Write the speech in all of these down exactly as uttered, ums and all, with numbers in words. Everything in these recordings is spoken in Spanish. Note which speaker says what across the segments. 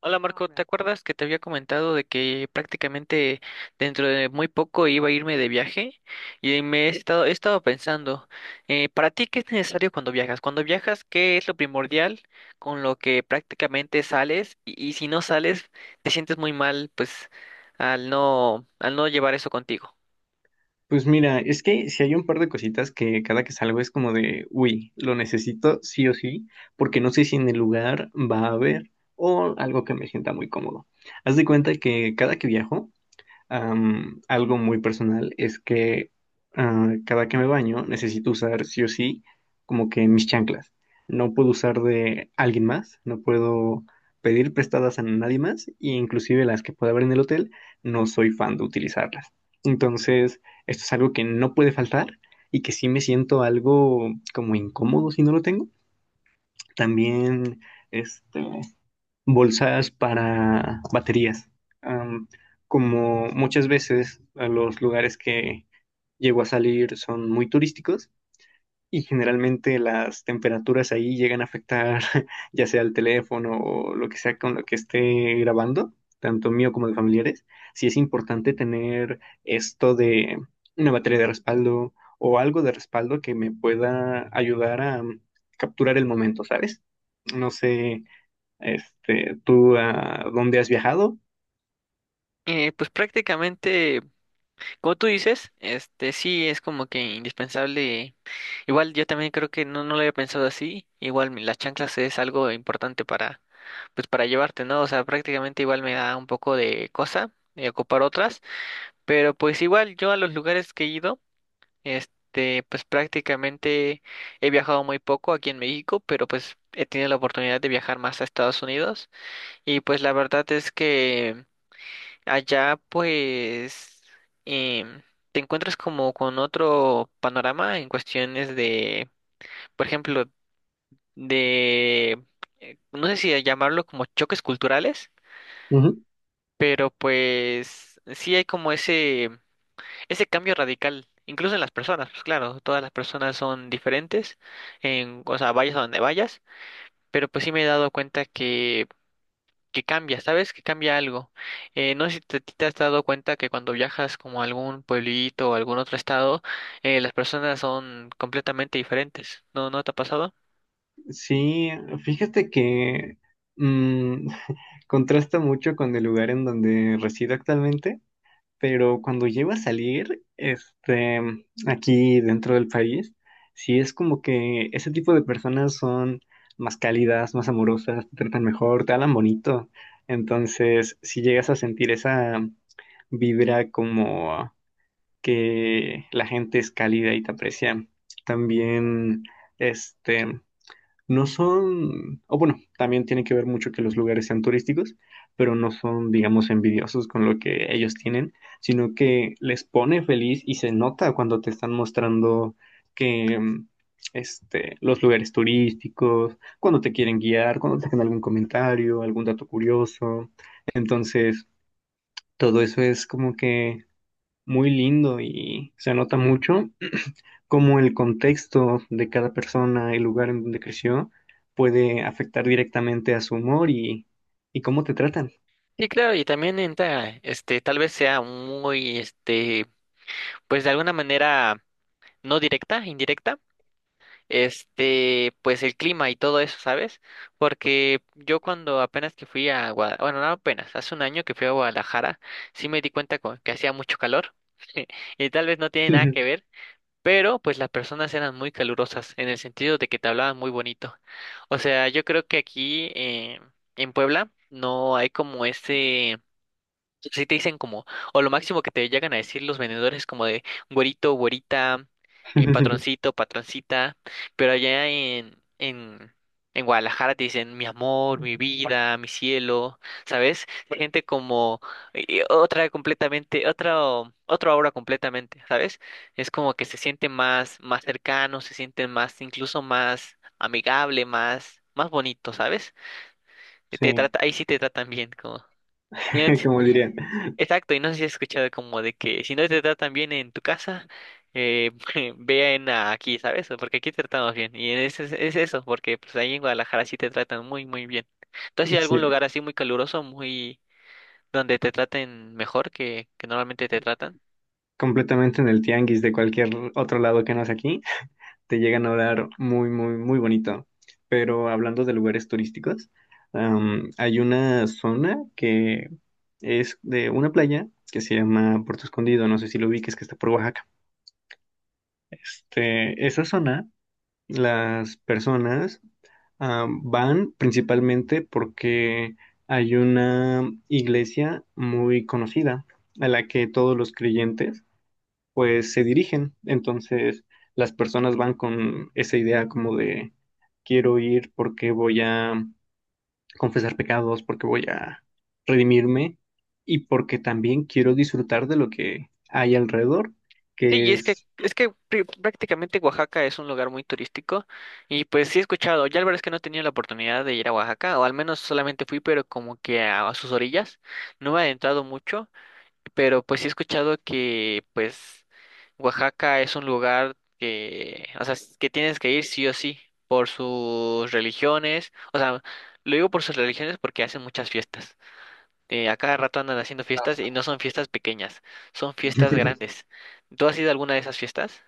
Speaker 1: Hola Marco, ¿te acuerdas que te había comentado de que prácticamente dentro de muy poco iba a irme de viaje? Y me he estado, he estado pensando, eh, ¿para ti qué es necesario cuando viajas? Cuando viajas, ¿qué es lo primordial con lo que prácticamente sales? Y, y si no sales, te sientes muy mal, pues, al no, al no llevar eso contigo.
Speaker 2: Pues mira, es que si hay un par de cositas que cada que salgo es como de, uy, lo necesito sí o sí, porque no sé si en el lugar va a haber o algo que me sienta muy cómodo. Haz de cuenta que cada que viajo, Am, algo muy personal es que ah, cada que me baño necesito usar sí o sí como que mis chanclas. No puedo usar de alguien más, no puedo pedir prestadas a nadie más e inclusive las que pueda haber en el hotel, no soy fan de utilizarlas. Entonces, esto es algo que no puede faltar y que sí me siento algo como incómodo si no lo tengo. También, este, bolsas para baterías. Am, como muchas veces a los lugares que llego a salir son muy turísticos y generalmente las temperaturas ahí llegan a afectar ya sea el teléfono o lo que sea con lo que esté grabando, tanto mío como de familiares, sí es importante tener esto de una batería de respaldo o algo de respaldo que me pueda ayudar a capturar el momento, ¿sabes? No sé este, ¿tú a dónde has viajado?
Speaker 1: Eh, pues prácticamente. Como tú dices, este sí es como que indispensable. Igual yo también creo que no, no lo había pensado así. Igual mi- las chanclas es algo importante para, pues para llevarte, ¿no? O sea, prácticamente igual me da un poco de cosa de ocupar otras. Pero pues igual yo a los lugares que he ido, este, pues prácticamente he viajado muy poco aquí en México, pero pues he tenido la oportunidad de viajar más a Estados Unidos. Y pues la verdad es que allá pues em, te encuentras como con otro panorama en cuestiones de, por ejemplo, de, eh, no sé si llamarlo como choques culturales,
Speaker 2: Ujú.
Speaker 1: pero pues sí hay como ese, ese cambio radical, incluso en las personas, pues claro, todas las personas son diferentes, en, o sea, vayas a donde vayas, pero pues sí me he dado cuenta que cambia, ¿sabes? Que cambia algo. Eh, no sé si te, te has dado cuenta que cuando viajas como a algún pueblito o algún otro estado, eh, las personas son completamente diferentes. ¿No, no te ha pasado?
Speaker 2: Sí, fíjate que mm, contrasta mucho con el lugar en donde resido actualmente, pero cuando llego a salir, este, aquí dentro del país, sí es como que ese tipo de personas son más cálidas, más amorosas, te tratan mejor, te hablan bonito. Entonces, si llegas a sentir esa vibra como que la gente es cálida y te aprecia. También, este, no son, o bueno, también tiene que ver mucho que los lugares sean turísticos, pero no son, digamos, envidiosos con lo que ellos tienen, sino que les pone feliz y se nota cuando te están mostrando que, mm, este, los lugares turísticos, cuando te quieren guiar, cuando te hacen algún comentario, algún dato curioso. Entonces, todo eso es como que muy lindo y se nota mucho cómo el contexto de cada persona, el lugar en donde creció, puede afectar directamente a su humor y, y cómo te tratan.
Speaker 1: Sí, claro, y también entra, este, tal vez sea muy, este, pues de alguna manera no directa, indirecta. Este, pues el clima y todo eso, ¿sabes? Porque yo cuando apenas que fui a Guadalajara, bueno, no apenas, hace un año que fui a Guadalajara, sí me di cuenta co- que hacía mucho calor y tal vez no tiene nada que ver, pero pues las personas eran muy calurosas en el sentido de que te hablaban muy bonito. O sea, yo creo que aquí eh, en Puebla no hay como ese. Si te dicen como, o lo máximo que te llegan a decir los vendedores es como de güerito, güerita, eh, patroncito, patroncita, pero allá en, en, en Guadalajara te dicen mi amor, mi vida, mi cielo, ¿sabes? Gente como eh, otra completamente, otro, otra obra completamente, ¿sabes? Es como que se siente más, más cercano, se siente más, incluso más amigable, más, más bonito, ¿sabes? Te
Speaker 2: Sí,
Speaker 1: trata, ahí sí te tratan bien, como.
Speaker 2: como diría,
Speaker 1: Exacto, y no sé si has escuchado como de que si no te tratan bien en tu casa, eh, vean a aquí, ¿sabes? Porque aquí te tratamos bien. Y es, es, es eso, porque pues ahí en Guadalajara sí te tratan muy, muy bien. ¿Tú has ido a algún
Speaker 2: sí,
Speaker 1: lugar así muy caluroso, muy donde te traten mejor que, que normalmente te tratan?
Speaker 2: completamente en el tianguis de cualquier otro lado que no es aquí, te llegan a hablar muy, muy, muy bonito. Pero hablando de lugares turísticos, am, hay una zona que es de una playa que se llama Puerto Escondido, no sé si lo ubiques, que está por Oaxaca. Este, esa zona, las personas ah, van principalmente porque hay una iglesia muy conocida a la que todos los creyentes pues se dirigen. Entonces las personas van con esa idea como de quiero ir porque voy a confesar pecados, porque voy a redimirme y porque también quiero disfrutar de lo que hay alrededor,
Speaker 1: Sí, y
Speaker 2: que
Speaker 1: es que,
Speaker 2: es
Speaker 1: es que pr- prácticamente Oaxaca es un lugar muy turístico y pues sí he escuchado, ya la verdad es que no he tenido la oportunidad de ir a Oaxaca, o al menos solamente fui, pero como que a a sus orillas, no me he adentrado mucho. Pero pues sí he escuchado que pues Oaxaca es un lugar que, o sea, s- que tienes que ir sí o sí por sus religiones, o sea, lo digo por sus religiones porque hacen muchas fiestas. Eh, a cada rato andan haciendo fiestas y no son fiestas pequeñas, son fiestas grandes. ¿Tú has ido a alguna de esas fiestas?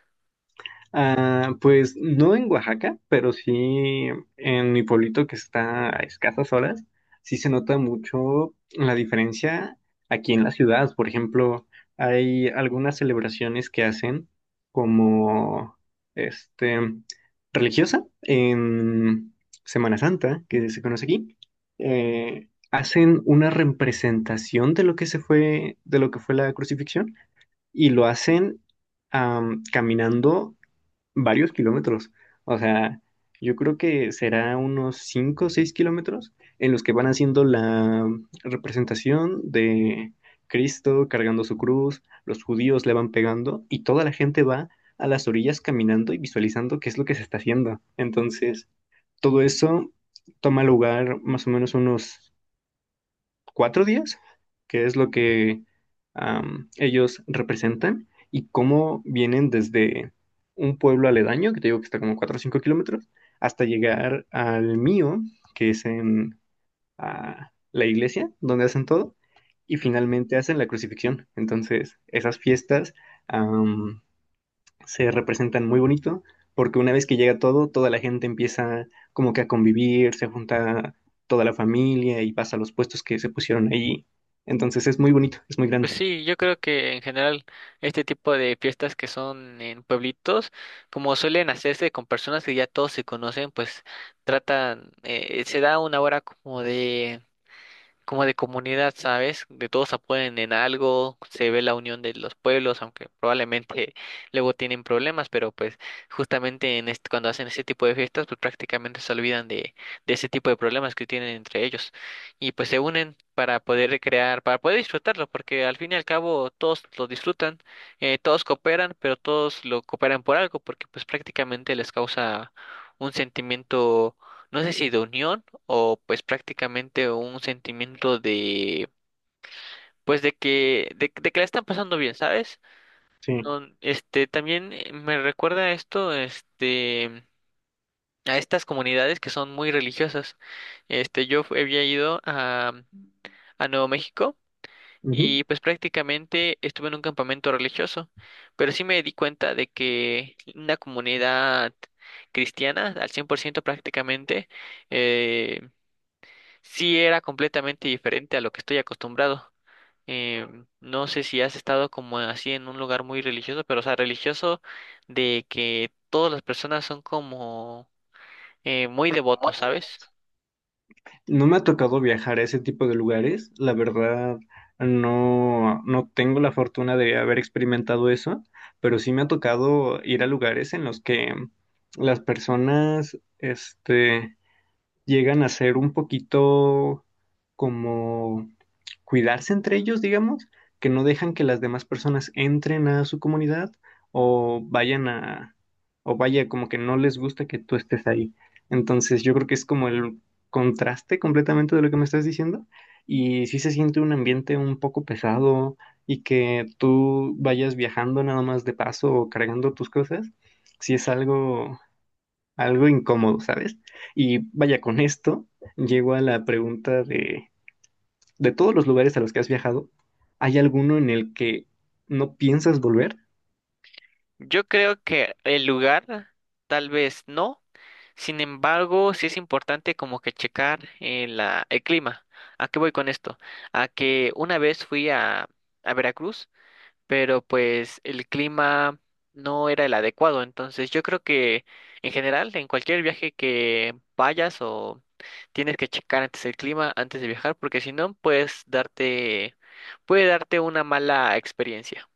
Speaker 2: Ah, pues no en Oaxaca, pero sí en mi pueblito que está a escasas horas, sí se nota mucho la diferencia aquí en la ciudad. Por ejemplo, hay algunas celebraciones que hacen como este religiosa en Semana Santa, que se conoce aquí. Eh, hacen una representación de lo que se fue, de lo que fue la crucifixión, y lo hacen am, caminando varios kilómetros. O sea, yo creo que será unos cinco o seis kilómetros en los que van haciendo la representación de Cristo cargando su cruz, los judíos le van pegando y toda la gente va a las orillas caminando y visualizando qué es lo que se está haciendo. Entonces, todo eso toma lugar más o menos unos cuatro días, que es lo que am, ellos representan, y cómo vienen desde un pueblo aledaño, que te digo que está como cuatro o cinco kilómetros, hasta llegar al mío, que es en ah, la iglesia, donde hacen todo, y finalmente hacen la crucifixión. Entonces, esas fiestas am, se representan muy bonito, porque una vez que llega todo, toda la gente empieza como que a convivir, se junta toda la familia y pasa a los puestos que se pusieron ahí. Entonces es muy bonito, es muy
Speaker 1: Pues
Speaker 2: grande.
Speaker 1: sí, yo creo que en general este tipo de fiestas que son en pueblitos, como suelen hacerse con personas que ya todos se conocen, pues tratan, eh, se da una hora como de como de comunidad, ¿sabes? De todos apoyan en algo, se ve la unión de los pueblos, aunque probablemente luego tienen problemas, pero pues justamente en este, cuando hacen ese tipo de fiestas, pues prácticamente se olvidan de, de ese tipo de problemas que tienen entre ellos y pues se unen para poder recrear, para poder disfrutarlo, porque al fin y al cabo todos lo disfrutan, eh, todos cooperan, pero todos lo cooperan por algo, porque pues prácticamente les causa un sentimiento no sé si de unión o pues prácticamente un sentimiento de pues de que de, de que la están pasando bien, ¿sabes?
Speaker 2: Sí.
Speaker 1: No, este también eh, me recuerda esto, este a estas comunidades que son muy religiosas. Este yo fu- había ido a a Nuevo México
Speaker 2: Ujú.
Speaker 1: y pues prácticamente estuve en un campamento religioso, pero sí me di cuenta de que una comunidad cristiana al cien por ciento prácticamente eh, sí, era completamente diferente a lo que estoy acostumbrado. Em, no sé si has estado como así en un lugar muy religioso, pero o sea, religioso de que todas las personas son como eh, muy devotos, ¿sabes?
Speaker 2: No me ha tocado viajar a ese tipo de lugares, la verdad no, no tengo la fortuna de haber experimentado eso, pero sí me ha tocado ir a lugares en los que las personas, este, llegan a ser un poquito como cuidarse entre ellos, digamos, que no dejan que las demás personas entren a su comunidad o vayan a, o vaya, como que no les gusta que tú estés ahí. Entonces, yo creo que es como el contraste completamente de lo que me estás diciendo. Y sí se siente un ambiente un poco pesado y que tú vayas viajando nada más de paso o cargando tus cosas, sí es algo algo incómodo, ¿sabes? Y vaya, con esto llego a la pregunta de, de todos los lugares a los que has viajado, ¿hay alguno en el que no piensas volver?
Speaker 1: Yo creo que el lugar tal vez no. Sin embargo, sí es importante como que checar eh, la, el clima. ¿A qué voy con esto? A que una vez fui a, a Veracruz, pero pues el clima no era el adecuado. Entonces yo creo que en general, en cualquier viaje que vayas o tienes que checar antes el clima, antes de viajar, porque si no, puedes darte, puede darte una mala experiencia.